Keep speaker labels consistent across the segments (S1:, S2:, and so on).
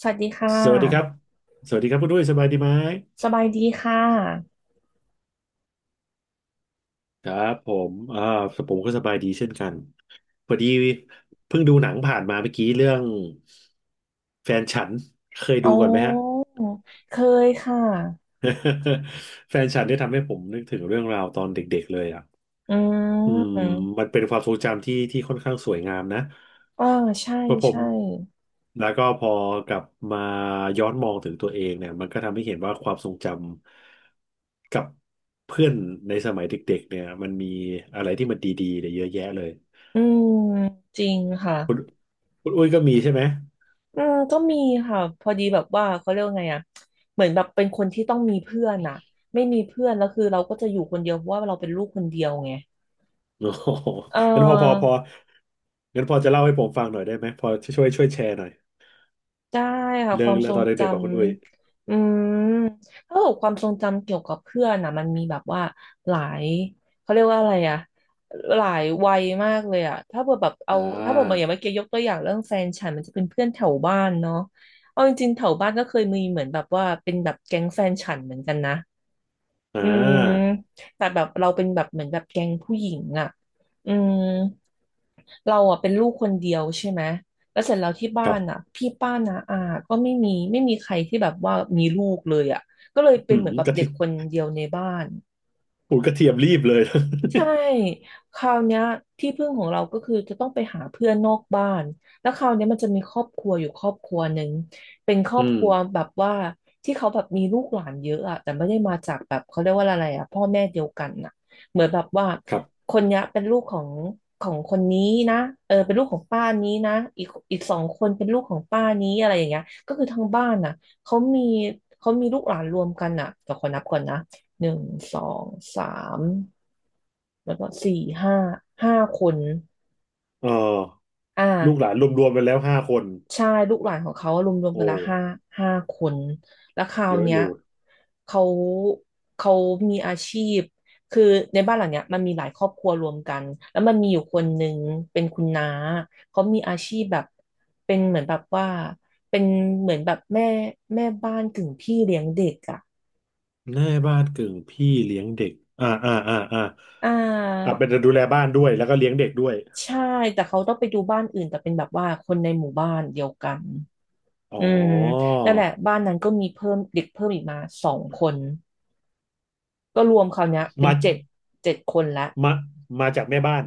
S1: สวัสดีค่
S2: สวัสดีครับ
S1: ะ
S2: สวัสดีครับคุณด้วยสบายดีไหม
S1: สบายดีค่ะ
S2: ครับผมผมก็สบายดีเช่นกันพอดีเพิ่งดูหนังผ่านมาเมื่อกี้เรื่องแฟนฉันเคย
S1: อ๋
S2: ดูก่อนไหมฮะ
S1: อเคยค่ะ
S2: แฟนฉันได้ทำให้ผมนึกถึงเรื่องราวตอนเด็กๆเลยอ่ะ
S1: อื
S2: อืม
S1: ม
S2: มันเป็นความทรงจำที่ค่อนข้างสวยงามนะ
S1: อ่าใช่
S2: เพราะผม
S1: ใช่
S2: แล้วก็พอกลับมาย้อนมองถึงตัวเองเนี่ยมันก็ทำให้เห็นว่าความทรงจำกับเพื่อนในสมัยเด็กๆเนี่ยมันมีอะไรที่มันดีๆเนี่ยเยอะแยะเลย
S1: อืมจริงค่ะ
S2: คุณคุณอุ้ยก็มีใช่ไหม
S1: อืม ก็มีค่ะ พอดีแบบว่าเขาเรียกว่าไงอ่ะเหมือนแบบเป็นคนที่ต้องมีเพื่อนอ่ะไม่มีเพื่อนแล้วคือเราก็จะอยู่คนเดียวเพราะว่าเราเป็นลูกคนเดียวไง
S2: โอ้โห
S1: เ
S2: งั้นพอพอพ
S1: ออ
S2: องั้นพอจะเล่าให้ผมฟังหน่อยได้ไหมพอช่วยแชร์หน่อย
S1: ได้ค่ะ
S2: เรื่
S1: ค
S2: อง
S1: วามท
S2: เรื่อ
S1: ร
S2: งต
S1: ง
S2: อน
S1: จ
S2: เด็กๆของคุณอุ้ย
S1: ำมถ้าเกิดความทรงจำเกี่ยวกับเพื่อนนะมันมีแบบว่าหลายเขาเรียกว่าอะไรอะหลายวัยมากเลยอะ
S2: อ่า
S1: ถ้าเกิดแบบอย่างเมื่อกี้ยกตัวอย่างเรื่องแฟนฉันมันจะเป็นเพื่อนแถวบ้านเนาะเอาจริงๆแถวบ้านก็เคยมีเหมือนแบบว่าเป็นแบบแก๊งแฟนฉันเหมือนกันนะ
S2: อ่
S1: อืม
S2: า
S1: แต่แบบเราเป็นแบบเหมือนแบบแก๊งผู้หญิงอ่ะอืมเราอ่ะเป็นลูกคนเดียวใช่ไหมแล้วเสร็จแล้วที่
S2: ค
S1: บ้า
S2: รับ
S1: นอ่ะพี่ป้านาอาก็ไม่มีใครที่แบบว่ามีลูกเลยอ่ะก็เลยเป็
S2: อื
S1: นเห
S2: ม
S1: มือนแบบ
S2: กะ
S1: เด็
S2: ทิ
S1: กคนเดียวในบ้าน
S2: โอ้ยกระเทียมรีบเลย
S1: ใช่คราวเนี้ยที่พึ่งของเราก็คือจะต้องไปหาเพื่อนนอกบ้านแล้วคราวเนี้ยมันจะมีครอบครัวอยู่ครอบครัวหนึ่งเป็นครอ
S2: อื
S1: บค
S2: ม
S1: รัวแบบว่าที่เขาแบบมีลูกหลานเยอะอะแต่ไม่ได้มาจากแบบเขาเรียกว่าอะไรอะพ่อแม่เดียวกันน่ะเหมือนแบบว่า
S2: ครับ
S1: คนเนี้ยเป็นลูกของคนนี้นะเออเป็นลูกของป้านี้นะอีกสองคนเป็นลูกของป้านี้อะไรอย่างเงี้ยก็คือทั้งบ้านน่ะเขามีเขามีลูกหลานรวมกันน่ะแต่ขอนับก่อนนะหนึ่งสองสาม แล้วก็สี่ห้าห้าคน
S2: เออ
S1: อ่
S2: ลูกหลา
S1: า
S2: นรวมๆไปแล้วห้าคน
S1: ใช่ลูกหลานของเขารวมๆกัน
S2: โอ้
S1: ละห้าห้าคนแล้วคราว
S2: เยอะ
S1: เนี้
S2: อ
S1: ย
S2: ยู่
S1: เขาเขามีอาชีพคือในบ้านหลังเนี้ยมันมีหลายครอบครัวรวมกันแล้วมันมีอยู่คนหนึ่งเป็นคุณน้าเขามีอาชีพแบบเป็นเหมือนแบบว่าเป็นเหมือนแบบแม่บ้านกึ่งพี่เลี้ยงเด็กอ่ะ
S2: แม่บ้านกึ่งพี่เลี้ยงเด็ก อ่าอ่าอ่าอ่า
S1: อ่
S2: อ่า
S1: า
S2: เป็นดูแลบ้านด้วยแล้วก็เลี้ยงเด็กด้วย
S1: ใช่แต่เขาต้องไปดูบ้านอื่นแต่เป็นแบบว่าคนในหมู่บ้านเดียวกัน
S2: อ๋อ
S1: อืมนั่นแหละบ้านนั้นก็มีเพิ่มเด็กเพิ่มอีกมาสองคนก็รวมคราวเนี้ยเป็น
S2: มา
S1: เจ็ดเจ็ดคนละ
S2: มามาจากแม่บ้าน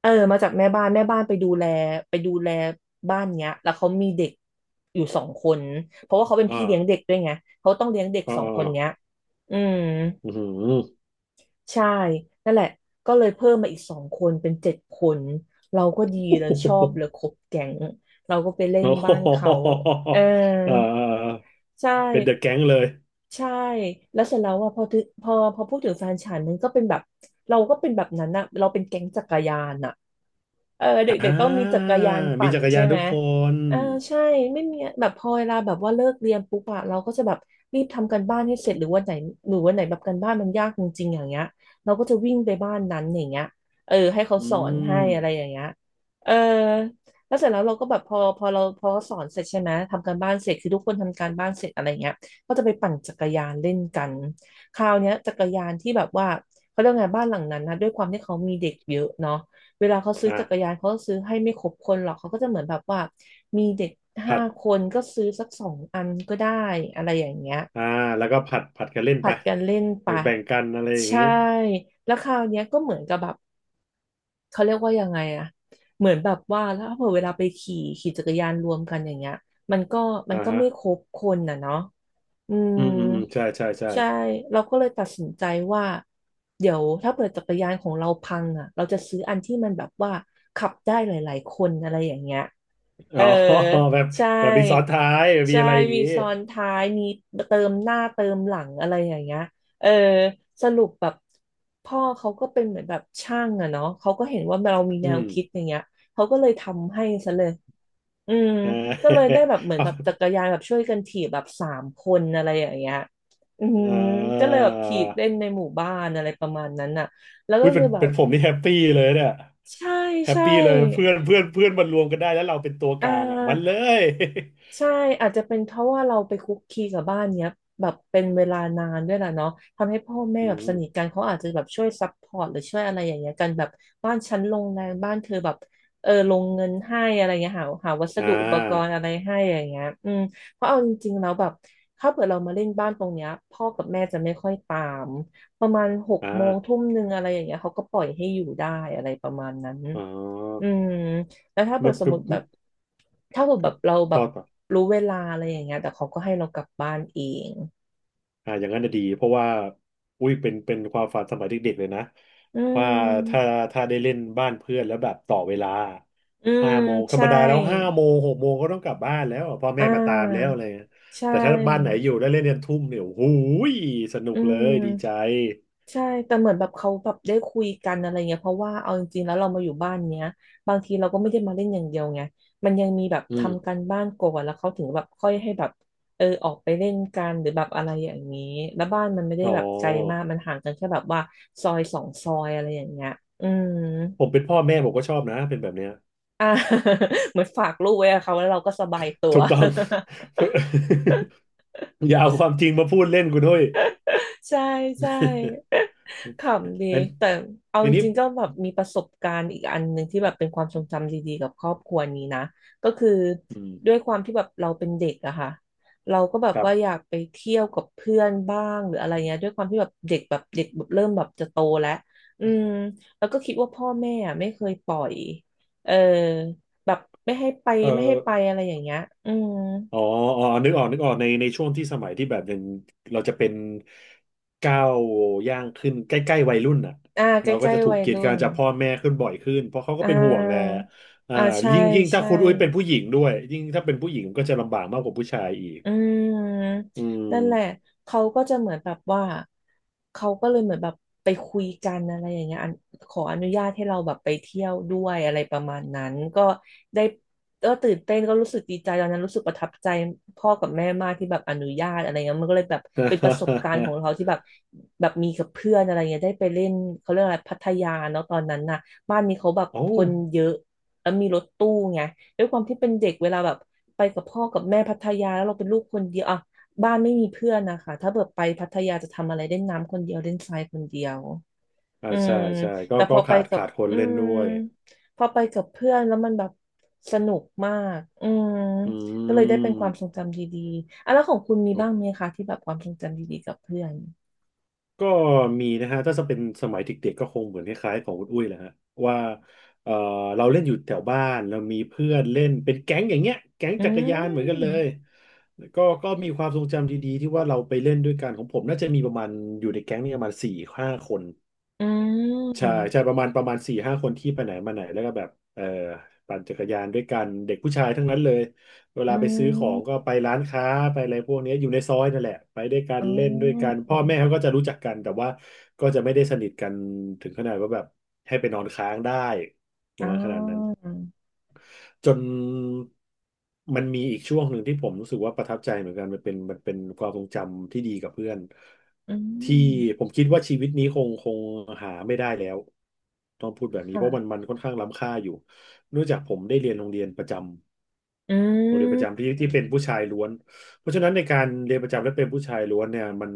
S1: เออมาจากแม่บ้านแม่บ้านไปดูแลบ้านเนี้ยแล้วเขามีเด็กอยู่สองคนเพราะว่าเขาเป็น
S2: อ่า
S1: พี่เลี้ยงเด็กด้วยไงเขาต้องเลี้ยงเด็กสองคนเนี้ย
S2: อ่า
S1: อืม
S2: อือหือ
S1: ใช่นั่นแหละก็เลยเพิ่มมาอีกสองคนเป็นเจ็ดคนเราก็ดีเลยชอบเลยครบแก๊งเราก็ไปเล่น
S2: โอ้โห
S1: บ้านเขาเออ
S2: เออ
S1: ใช่
S2: เป็นเดอะแก๊งเลย
S1: ใช่ แล้วเสร็จแล้วอ่ะพอถึงพอพอพูดถึงแฟนฉันมันก็เป็นแบบเราก็เป็นแบบนั้นอะเราเป็นแก๊งจักรยานอะเออเด็ก
S2: อ่า
S1: ๆต้องมีจักรยาน
S2: มี
S1: ปั่น
S2: จักร
S1: ใช่
S2: ยาน
S1: ไห
S2: ทุ
S1: ม
S2: กคน
S1: เออใช่ไม่มีแบบพอเวลาแบบว่าเลิกเรียนปุ๊บอะเราก็จะแบบรีบทำการบ้านให้เสร็จหรือวันไหนแบบการบ้านมันยากจริงๆอย่างเงี้ยเราก็จะวิ่งไปบ้านนั้นอย่างเงี้ยเออให้เขา
S2: อื
S1: สอนให้อะไรอ
S2: ม
S1: ย่างเงี้ยเออแล้วเสร็จแล้วเราก็แบบพอพอเราพอสอนเสร็จใช่ไหมทำการบ้านเสร็จคือทุกคนทำการบ้านเสร็จอะไรเงี้ย ก็จะไปปั่นจักรยานเล่นกันคราวเนี้ยจักรยานที่แบบว่าเขาเรียกไงบ้านหลังนั้นนะด้วยความที่เขามีเด็กเยอะเนาะเวลาเขาซื้อ
S2: อ่ะ
S1: จักรยานเขาก็ซื้อให้ไม่ครบคนหรอกเขาก็จะเหมือนแบบว่ามีเด็ก
S2: ผั
S1: ห้า
S2: ด
S1: คนก็ซื้อสักสองอันก็ได้อะไรอย่างเงี้ย
S2: อ่าแล้วก็ผัดกันเล่นไป
S1: ผัดกันเล่นไป
S2: แบ่งกันอะไรอย่าง
S1: ใช่
S2: นี้
S1: แล้วคราวเนี้ยก็เหมือนกับแบบเขาเรียกว่ายังไงอะเหมือนแบบว่าแล้วพอเวลาไปขี่จักรยานรวมกันอย่างเงี้ยมันก็มัน
S2: อ่า
S1: ก็
S2: ฮะ
S1: ไม่ครบคนน่ะเนาะ อืม
S2: อืมอืมอืมใช่ใช่ใช่
S1: ใช่เราก็เลยตัดสินใจว่าเดี๋ยวถ้าเปิดจักรยานของเราพังอ่ะเราจะซื้ออันที่มันแบบว่าขับได้หลายๆคนอะไรอย่างเงี้ย
S2: อ๋
S1: เอ
S2: อ
S1: อ
S2: แบบ
S1: ใช่
S2: แบบมีซ้อนท้ายแบบมี
S1: ใช่
S2: อะไรอย่าง
S1: มี
S2: นี้
S1: ซ้อนท้ายมีเติมหน้าเติมหลังอะไรอย่างเงี้ยเออสรุปแบบพ่อเขาก็เป็นเหมือนแบบช่างอะเนาะเขาก็เห็นว่าเรามีแน
S2: อื
S1: ว
S2: ม
S1: คิดอย่างเงี้ยเขาก็เลยทำให้ซะเลย อืม
S2: เออ
S1: ก็เลยได้แบบเห มือน
S2: เอา
S1: แบบจักรยานแบบช่วยกันถีบแบบสามคนอะไรอย่างเงี้ยอืม
S2: เอ
S1: ก็เลย
S2: า
S1: แบบถีบเล่นในหมู่บ้านอะไรประมาณนั้นน่ะแล้วก็
S2: อุ้ยเป็
S1: คื
S2: น
S1: อแบ
S2: เป็
S1: บ
S2: นผมนี่แฮปปี้เลยเนี่ย
S1: ใช่
S2: แฮป
S1: ใช่
S2: ปี้เลยเพื่อนเพื่อนเพื่อนมันรวมกันได้แล้วเราเป็นตัวก
S1: อ่
S2: ลางอ่ะมันเล
S1: า
S2: ย
S1: ใช่อาจจะเป็นเพราะว่าเราไปคุกคีกับบ้านเนี้ยแบบเป็นเวลานานด้วยแหละเนาะทำให้พ่อแม่
S2: อื
S1: แบบ
S2: ม
S1: สนิทกันเขาอาจจะแบบช่วยซัพพอร์ตหรือช่วยอะไรอย่างเงี้ยกันแบบบ้านฉันลงแรงบ้านเธอแบบเออลงเงินให้อะไรเงี้ยหาวัส
S2: อ่
S1: ดุอุปกรณ์
S2: า
S1: อะไรให้อย่างเงี้ยอืมเพราะเอาจริงๆแล้วแบบถ้าเกิดเรามาเล่นบ้านตรงเนี้ยพ่อกับแม่จะไม่ค่อยตามประมาณหก
S2: อ่า
S1: โมงทุ่มหนึ่งอะไรอย่างเงี้ยเขาก็ปล่อยให้อยู่ได้อะไรประมาณนั้น
S2: อ๋อ
S1: อืมแล้วถ้าเปิ
S2: มั
S1: ด
S2: น
S1: สม
S2: คื
S1: ม
S2: อ
S1: ติแบบถ้าเปิด
S2: ค
S1: แบ
S2: รั
S1: บ
S2: บ
S1: เราแบ
S2: ต่
S1: บ
S2: อต่อ
S1: รู้เวลาอะไรอย่างเงี้ยแต่เขาก็ให้เรากลับบ้านเอง
S2: อ่าอย่างนั้นจะดีเพราะว่าอุ้ยเป็นความฝันสมัยเด็กๆเลยนะ
S1: อื
S2: ว่าถ้า
S1: ม
S2: ถ้าได้เล่นบ้านเพื่อนแล้วแบบต่อเวลา
S1: อื
S2: ห้า
S1: ม
S2: โมงธรรม
S1: ใช่
S2: ดาแล้วห้าโมงหกโมงก็ต้องกลับบ้านแล้วพ่อ
S1: อ่
S2: แม่มาตามแล้ว
S1: า
S2: อะไรเงี้ย
S1: ใช
S2: แต่ถ้าบ้านไหน
S1: ่
S2: อยู่ได้เล่นยันทุ่มเนี่ยโอ้โหยสนุ
S1: อื
S2: กเลยดีใจ
S1: ม ใช่แต่เหมือนแบบเขาแบบได้คุยกันอะไรเงี้ยเพราะว่าเอาจริงๆแล้วเรามาอยู่บ้านเนี้ยบางทีเราก็ไม่ได้มาเล่นอย่างเดียวไงมันยังมีแบบ
S2: อืม
S1: ทำการบ้านก่อนแล้วเขาถึงแบบค่อยให้แบบเออออกไปเล่นกันหรือแบบอะไรอย่างนี้แล้วบ้านมันไม่ได้
S2: อ๋
S1: แบบไกลมาก
S2: อ
S1: มันห่างกันแค่แบบว่าซอยสองซอยอะไรอย่างเงี้ยอืม
S2: ผมเป็นพ่อแม่ผมก็ชอบนะเป็นแบบเนี้ย
S1: อ่า เหมือนฝากลูกไว้กับเขาแล้วเราก็สบายตัว
S2: ถูกต้อง อย่าเอาความจริงมาพูดเล่นกูด้วย
S1: ใช่ใช่ ขำดี
S2: อัน
S1: แต่เอา
S2: อั
S1: จ
S2: นนี้
S1: ริงๆก็แบบมีประสบการณ์อีกอันหนึ่งที่แบบเป็นความทรงจำดีๆกับครอบครัวนี้นะก็คือ
S2: อืม
S1: ด้วยความที่แบบเราเป็นเด็กอะค่ะเราก็แบบ
S2: ครับ
S1: ว่าอยากไปเที่ยวกับเพื่อนบ้างหรืออะไรเงี้ยด้วยความที่แบบเด็กแบบเด็กแบบเริ่มแบบจะโตแล้วอืมแล้วก็คิดว่าพ่อแม่อะไม่เคยปล่อยเออแบบไม่ให้ไป
S2: เอ
S1: ไม่ให้
S2: อ
S1: ไปอะไรอย่างเงี้ยอืม
S2: อ๋ออ๋อนึกออกในช่วงที่สมัยที่แบบยังเราจะเป็นก้าวย่างขึ้นใกล้ๆวัยรุ่นน่ะ
S1: อ่าใก
S2: เราก็
S1: ล้
S2: จะถู
S1: ๆวั
S2: ก
S1: ย
S2: กีด
S1: รุ่
S2: กัน
S1: น
S2: จากพ่อแม่ขึ้นบ่อยขึ้นเพราะเขาก็
S1: อ่
S2: เป็นห่วงแหละ
S1: า
S2: อ่า
S1: อ่าใช่
S2: ยิ่งถ้า
S1: ใช่
S2: คุณอุ้ยเป็นผู้หญิงด้วยยิ่งถ้าเป็นผู้หญิงก็จะลำบากมากกว่าผู้ชายอีก
S1: อื
S2: อื
S1: ม
S2: ม
S1: นั่นแหละเขาก็จะเหมือนแบบว่าเขาก็เลยเหมือนแบบไปคุยกันอะไรอย่างเงี้ยอันขออนุญาตให้เราแบบไปเที่ยวด้วยอะไรประมาณนั้นก็ได้ก็ตื่นเต้นก็รู้สึกดีใจตอนนั้นรู้สึกประทับใจพ่อกับแม่มากที่แบบอนุญาตอะไรเงี้ยมันก็เลยแบบเป็นประสบการณ์ขอ งเราที่แบบแบบมีกับเพื่อนอะไรเงี้ยได้ไปเล่นเขาเรียกอะไรพัทยาเนาะตอนนั้นน่ะบ้านนี้เขาแบบ
S2: โอ้
S1: คนเยอะแล้วมีรถตู้ไง ด้วยความที่เป็นเด็กเวลาแบบไปกับพ่อกับแม่พัทยาแล้วเราเป็นลูกคนเดียวอ่ะบ้านไม่มีเพื่อนนะคะถ้าเบิดไปพัทยาจะทำอะไรเล่นน้ำคนเดียวเล่นทรายคนเดียว
S2: อ่า
S1: อืม
S2: ใช่ใช่ก็
S1: แต่พ
S2: ก็
S1: อไป
S2: ขาด
S1: กับ
S2: ขาดคน
S1: อื
S2: เล่น
S1: ม
S2: ด้วย
S1: พอไปกับเพื่อนแล้วมันแบบสนุกมากอืม
S2: อ
S1: ก็เลย
S2: ื
S1: ได้เป็นความทรงจำดีๆอ่ะแล้วของคุณมีบ้างไห
S2: ม
S1: มคะที่แบบความทรงจำดีๆกับเพื่อน
S2: ก็มีนะฮะถ้าจะเป็นสมัยเด็กๆก็คงเหมือนคล้ายๆของคุณอุ้ยแหละฮะว่าเออเราเล่นอยู่แถวบ้านเรามีเพื่อนเล่นเป็นแก๊งอย่างเงี้ยแก๊ง
S1: อื
S2: จักรยานเหมือนกันเลย
S1: ม
S2: ก็มีความทรงจำดีๆที่ว่าเราไปเล่นด้วยกันของผมน่าจะมีประมาณอยู่ในแก๊งเนี่ยประมาณสี่ห้าคน
S1: อื
S2: ใช่ใช่
S1: ม
S2: ประมาณสี่ห้าคนที่ไปไหนมาไหนแล้วก็แบบเออปั่นจักรยานด้วยกันเด็กผู้ชายทั้งนั้นเลยเว
S1: อื
S2: ลาไปซื้อของก็
S1: ม
S2: ไปร้านค้าไปอะไรพวกเนี้ยอยู่ในซอยนั่นแหละไปด้วยกัน
S1: อ๋
S2: เล่นด้วยกั
S1: อ
S2: นพ่อแม่เขาก็จะรู้จักกันแต่ว่าก็จะไม่ได้สนิทกันถึงขนาดว่าแบบให้ไปนอนค้างได้ป
S1: อ๋
S2: ระ
S1: อ
S2: มาณขนาดนั้น จนมันมีอีกช่วงหนึ่งที่ผมรู้สึกว่าประทับใจเหมือนกันมันเป็นความทรงจำที่ดีกับเพื่อน
S1: อื
S2: ที่
S1: ม
S2: ผมคิดว่าชีวิตนี้คงหาไม่ได้แล้วต้องพูดแบบนี้เพราะมัน
S1: ค่ะ
S2: มันค่อนข้างล้ำค่าอยู่เนื่องจากผมได้เรียนโรงเรียนประจ
S1: อื
S2: ำโรงเรียนประจำ
S1: ม
S2: ที่เป็นผู้ชายล้วนเพราะฉะนั้นในการเรียนประจำและเป็นผู้ชายล้วนเนี่ยมัน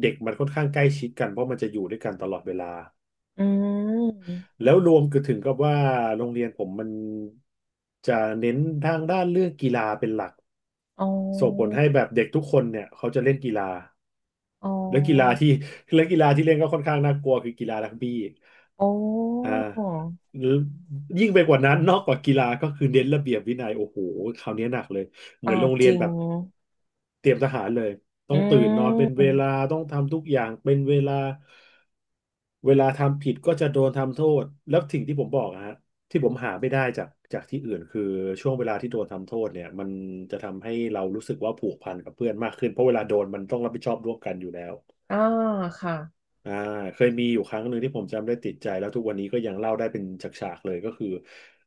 S2: เด็กมันค่อนข้างใกล้ชิดกันเพราะมันจะอยู่ด้วยกันตลอดเวลา
S1: อืม
S2: แล้วรวมก็ถึงกับว่าโรงเรียนผมมันจะเน้นทางด้านเรื่องกีฬาเป็นหลัก
S1: อ๋
S2: ส่งผล
S1: อ
S2: ให้แบบเด็กทุกคนเนี่ยเขาจะเล่นกีฬา
S1: อ๋
S2: และกีฬา
S1: อ
S2: ที่ และกีฬาที่เล่นก็ค่อนข้างน่ากลัวคือกีฬารักบี้
S1: โอ้
S2: อ่
S1: อ
S2: ายิ่งไปกว่านั้นนอกกว่ากีฬาก็คือเน้นระเบียบวินัยโอ้โหคราวนี้หนักเลยเห
S1: อ่า
S2: มือนโรงเรี
S1: จ
S2: ยน
S1: ริง
S2: แบบเตรียมทหารเลย
S1: อื
S2: ต้องตื่นนอนเป็นเวลา
S1: ม
S2: ต้องทำทุกอย่างเป็นเวลาเวลาทำผิดก็จะโดนทำโทษแล้วสิ่งที่ผมบอกอะฮะที่ผมหาไม่ได้จากที่อื่นคือช่วงเวลาที่โดนทำโทษเนี่ยมันจะทำให้เรารู้สึกว่าผูกพันกับเพื่อนมากขึ้นเพราะเวลาโดนมันต้องรับผิดชอบร่วมกันอยู่แล้ว
S1: อ่าค่ะ
S2: อ่าเคยมีอยู่ครั้งหนึ่งที่ผมจำได้ติดใจแล้วทุกวันนี้ก็ยังเล่าได้เป็นฉากๆเลยก็คือ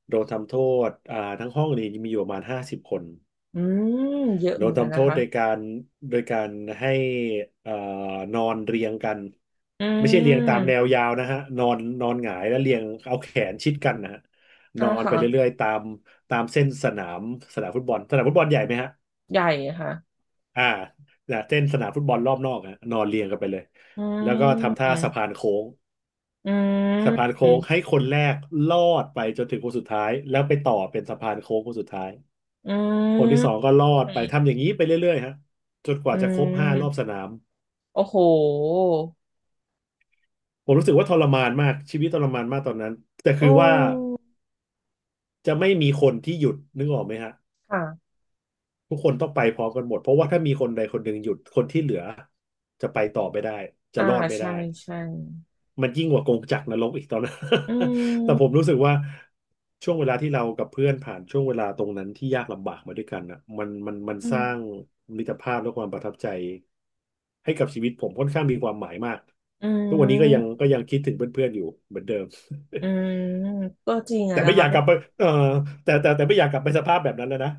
S2: โดนทำโทษทั้งห้องนี้มีอยู่ประมาณ50คน
S1: อืมเยอะ
S2: โด
S1: เหมื
S2: น
S1: อนกัน
S2: ทำโท
S1: นะ
S2: ษ
S1: คะ
S2: โดยการโดยการให้เอ่อนอนเรียงกัน
S1: อื
S2: ไม่ใช่เรียงตามแนว
S1: ม
S2: ยาวนะฮะนอนนอนหงายแล้วเรียงเอาแขนชิดกันนะฮะน
S1: อ่า
S2: อนไป
S1: ค่ะ
S2: เรื่อยๆตามเส้นสนามสนามฟุตบอลสนามฟุตบอลใหญ่ไหมฮะ
S1: ใหญ่ค่ะ
S2: อ่าแต่เส้นสนามฟุตบอลรอบนอกอะนอนเรียงกันไปเลย
S1: อื
S2: แล้วก็ทำท่า
S1: ม
S2: สะพานโค้ง
S1: อืม
S2: สะพาน
S1: อื
S2: โค้
S1: ม
S2: งให้คนแรกลอดไปจนถึงคนสุดท้ายแล้วไปต่อเป็นสะพานโค้งคนสุดท้ายคนที่สองก็ลอดไปทำอย่างนี้ไปเรื่อยๆฮะจนก
S1: อื
S2: ว่าจะครบห้ารอบส
S1: ม
S2: นาม
S1: โอ้โห
S2: ผมรู้สึกว่าทรมานมากชีวิตทรมานมากตอนนั้นแต่คือ
S1: โอ้
S2: ว่าจะไม่มีคนที่หยุดนึกออกไหมฮะ
S1: ค่ะ
S2: ทุกคนต้องไปพร้อมกันหมดเพราะว่าถ้ามีคนใดคนหนึ่งหยุดคนที่เหลือจะไปต่อไม่ได้จะ
S1: อ่า
S2: รอดไม่ได้
S1: ใช่ใช่
S2: มันยิ่งกว่ากงจักรนรกอีกตอนนั้น
S1: อื
S2: แต่
S1: ม
S2: ผมรู้สึกว่าช่วงเวลาที่เรากับเพื่อนผ่านช่วงเวลาตรงนั้นที่ยากลำบากมาด้วยกันอ่ะมัน
S1: อื
S2: ส
S1: ม
S2: ร้างมิตรภาพและความประทับใจให้กับชีวิตผมค่อนข้างมีความหมายมาก
S1: อื
S2: ทุกวันนี้ก็ยั
S1: ม
S2: งคิดถึงเพื่อนๆอยู่เหมือนเดิม
S1: อืมก็จริง อะ
S2: แต่
S1: นะ
S2: ไม่อ
S1: คะ
S2: ยาก
S1: เพ
S2: ก
S1: ราะ
S2: ลับไปเออแต่ไม่อยากกลับไปสภาพแบบนั้นแล้วนะ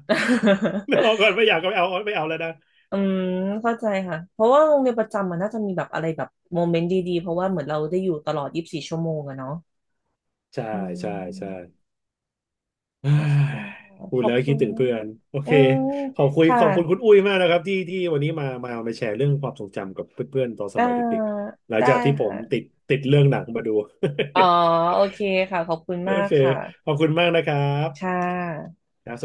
S2: ไม่เอา ก่อนไม่อยากกลับไปเอาไม่เอาแล้วนะ
S1: อืมเข้าใจค่ะเพราะว่าโรงเรียนประจำมันน่าจะมีแบบอะไรแบบโมเมนต์ดีๆเพราะว่าเหมือนเราได้อยู่ตลอด24 ชั่วโมงอะเนาะ
S2: ใช่
S1: อื
S2: ใช่ใช่
S1: ม
S2: เอ้ย
S1: โอเคค่ะ
S2: พู
S1: ข
S2: ด
S1: อบ
S2: แล้ว
S1: คุ
S2: คิด
S1: ณ
S2: ถึง
S1: นะ
S2: เพื่อนโอ
S1: อื
S2: เค
S1: มค่ะ
S2: ขอบคุณคุณอุ้ยมากนะครับที่วันนี้มาแชร์เรื่องความทรงจำกับเพื่อนๆตอนส
S1: อ่า
S2: มัยเด็กๆหลัง
S1: ได้
S2: จากที่ผม
S1: ค่ะ
S2: ติดเรื่องหนังมาดู
S1: อ๋อโอเคค่ะขอบคุณ
S2: โอ
S1: มาก
S2: เค
S1: ค่ะ
S2: ขอบคุณมากนะครับ
S1: ค่ะ
S2: ครับ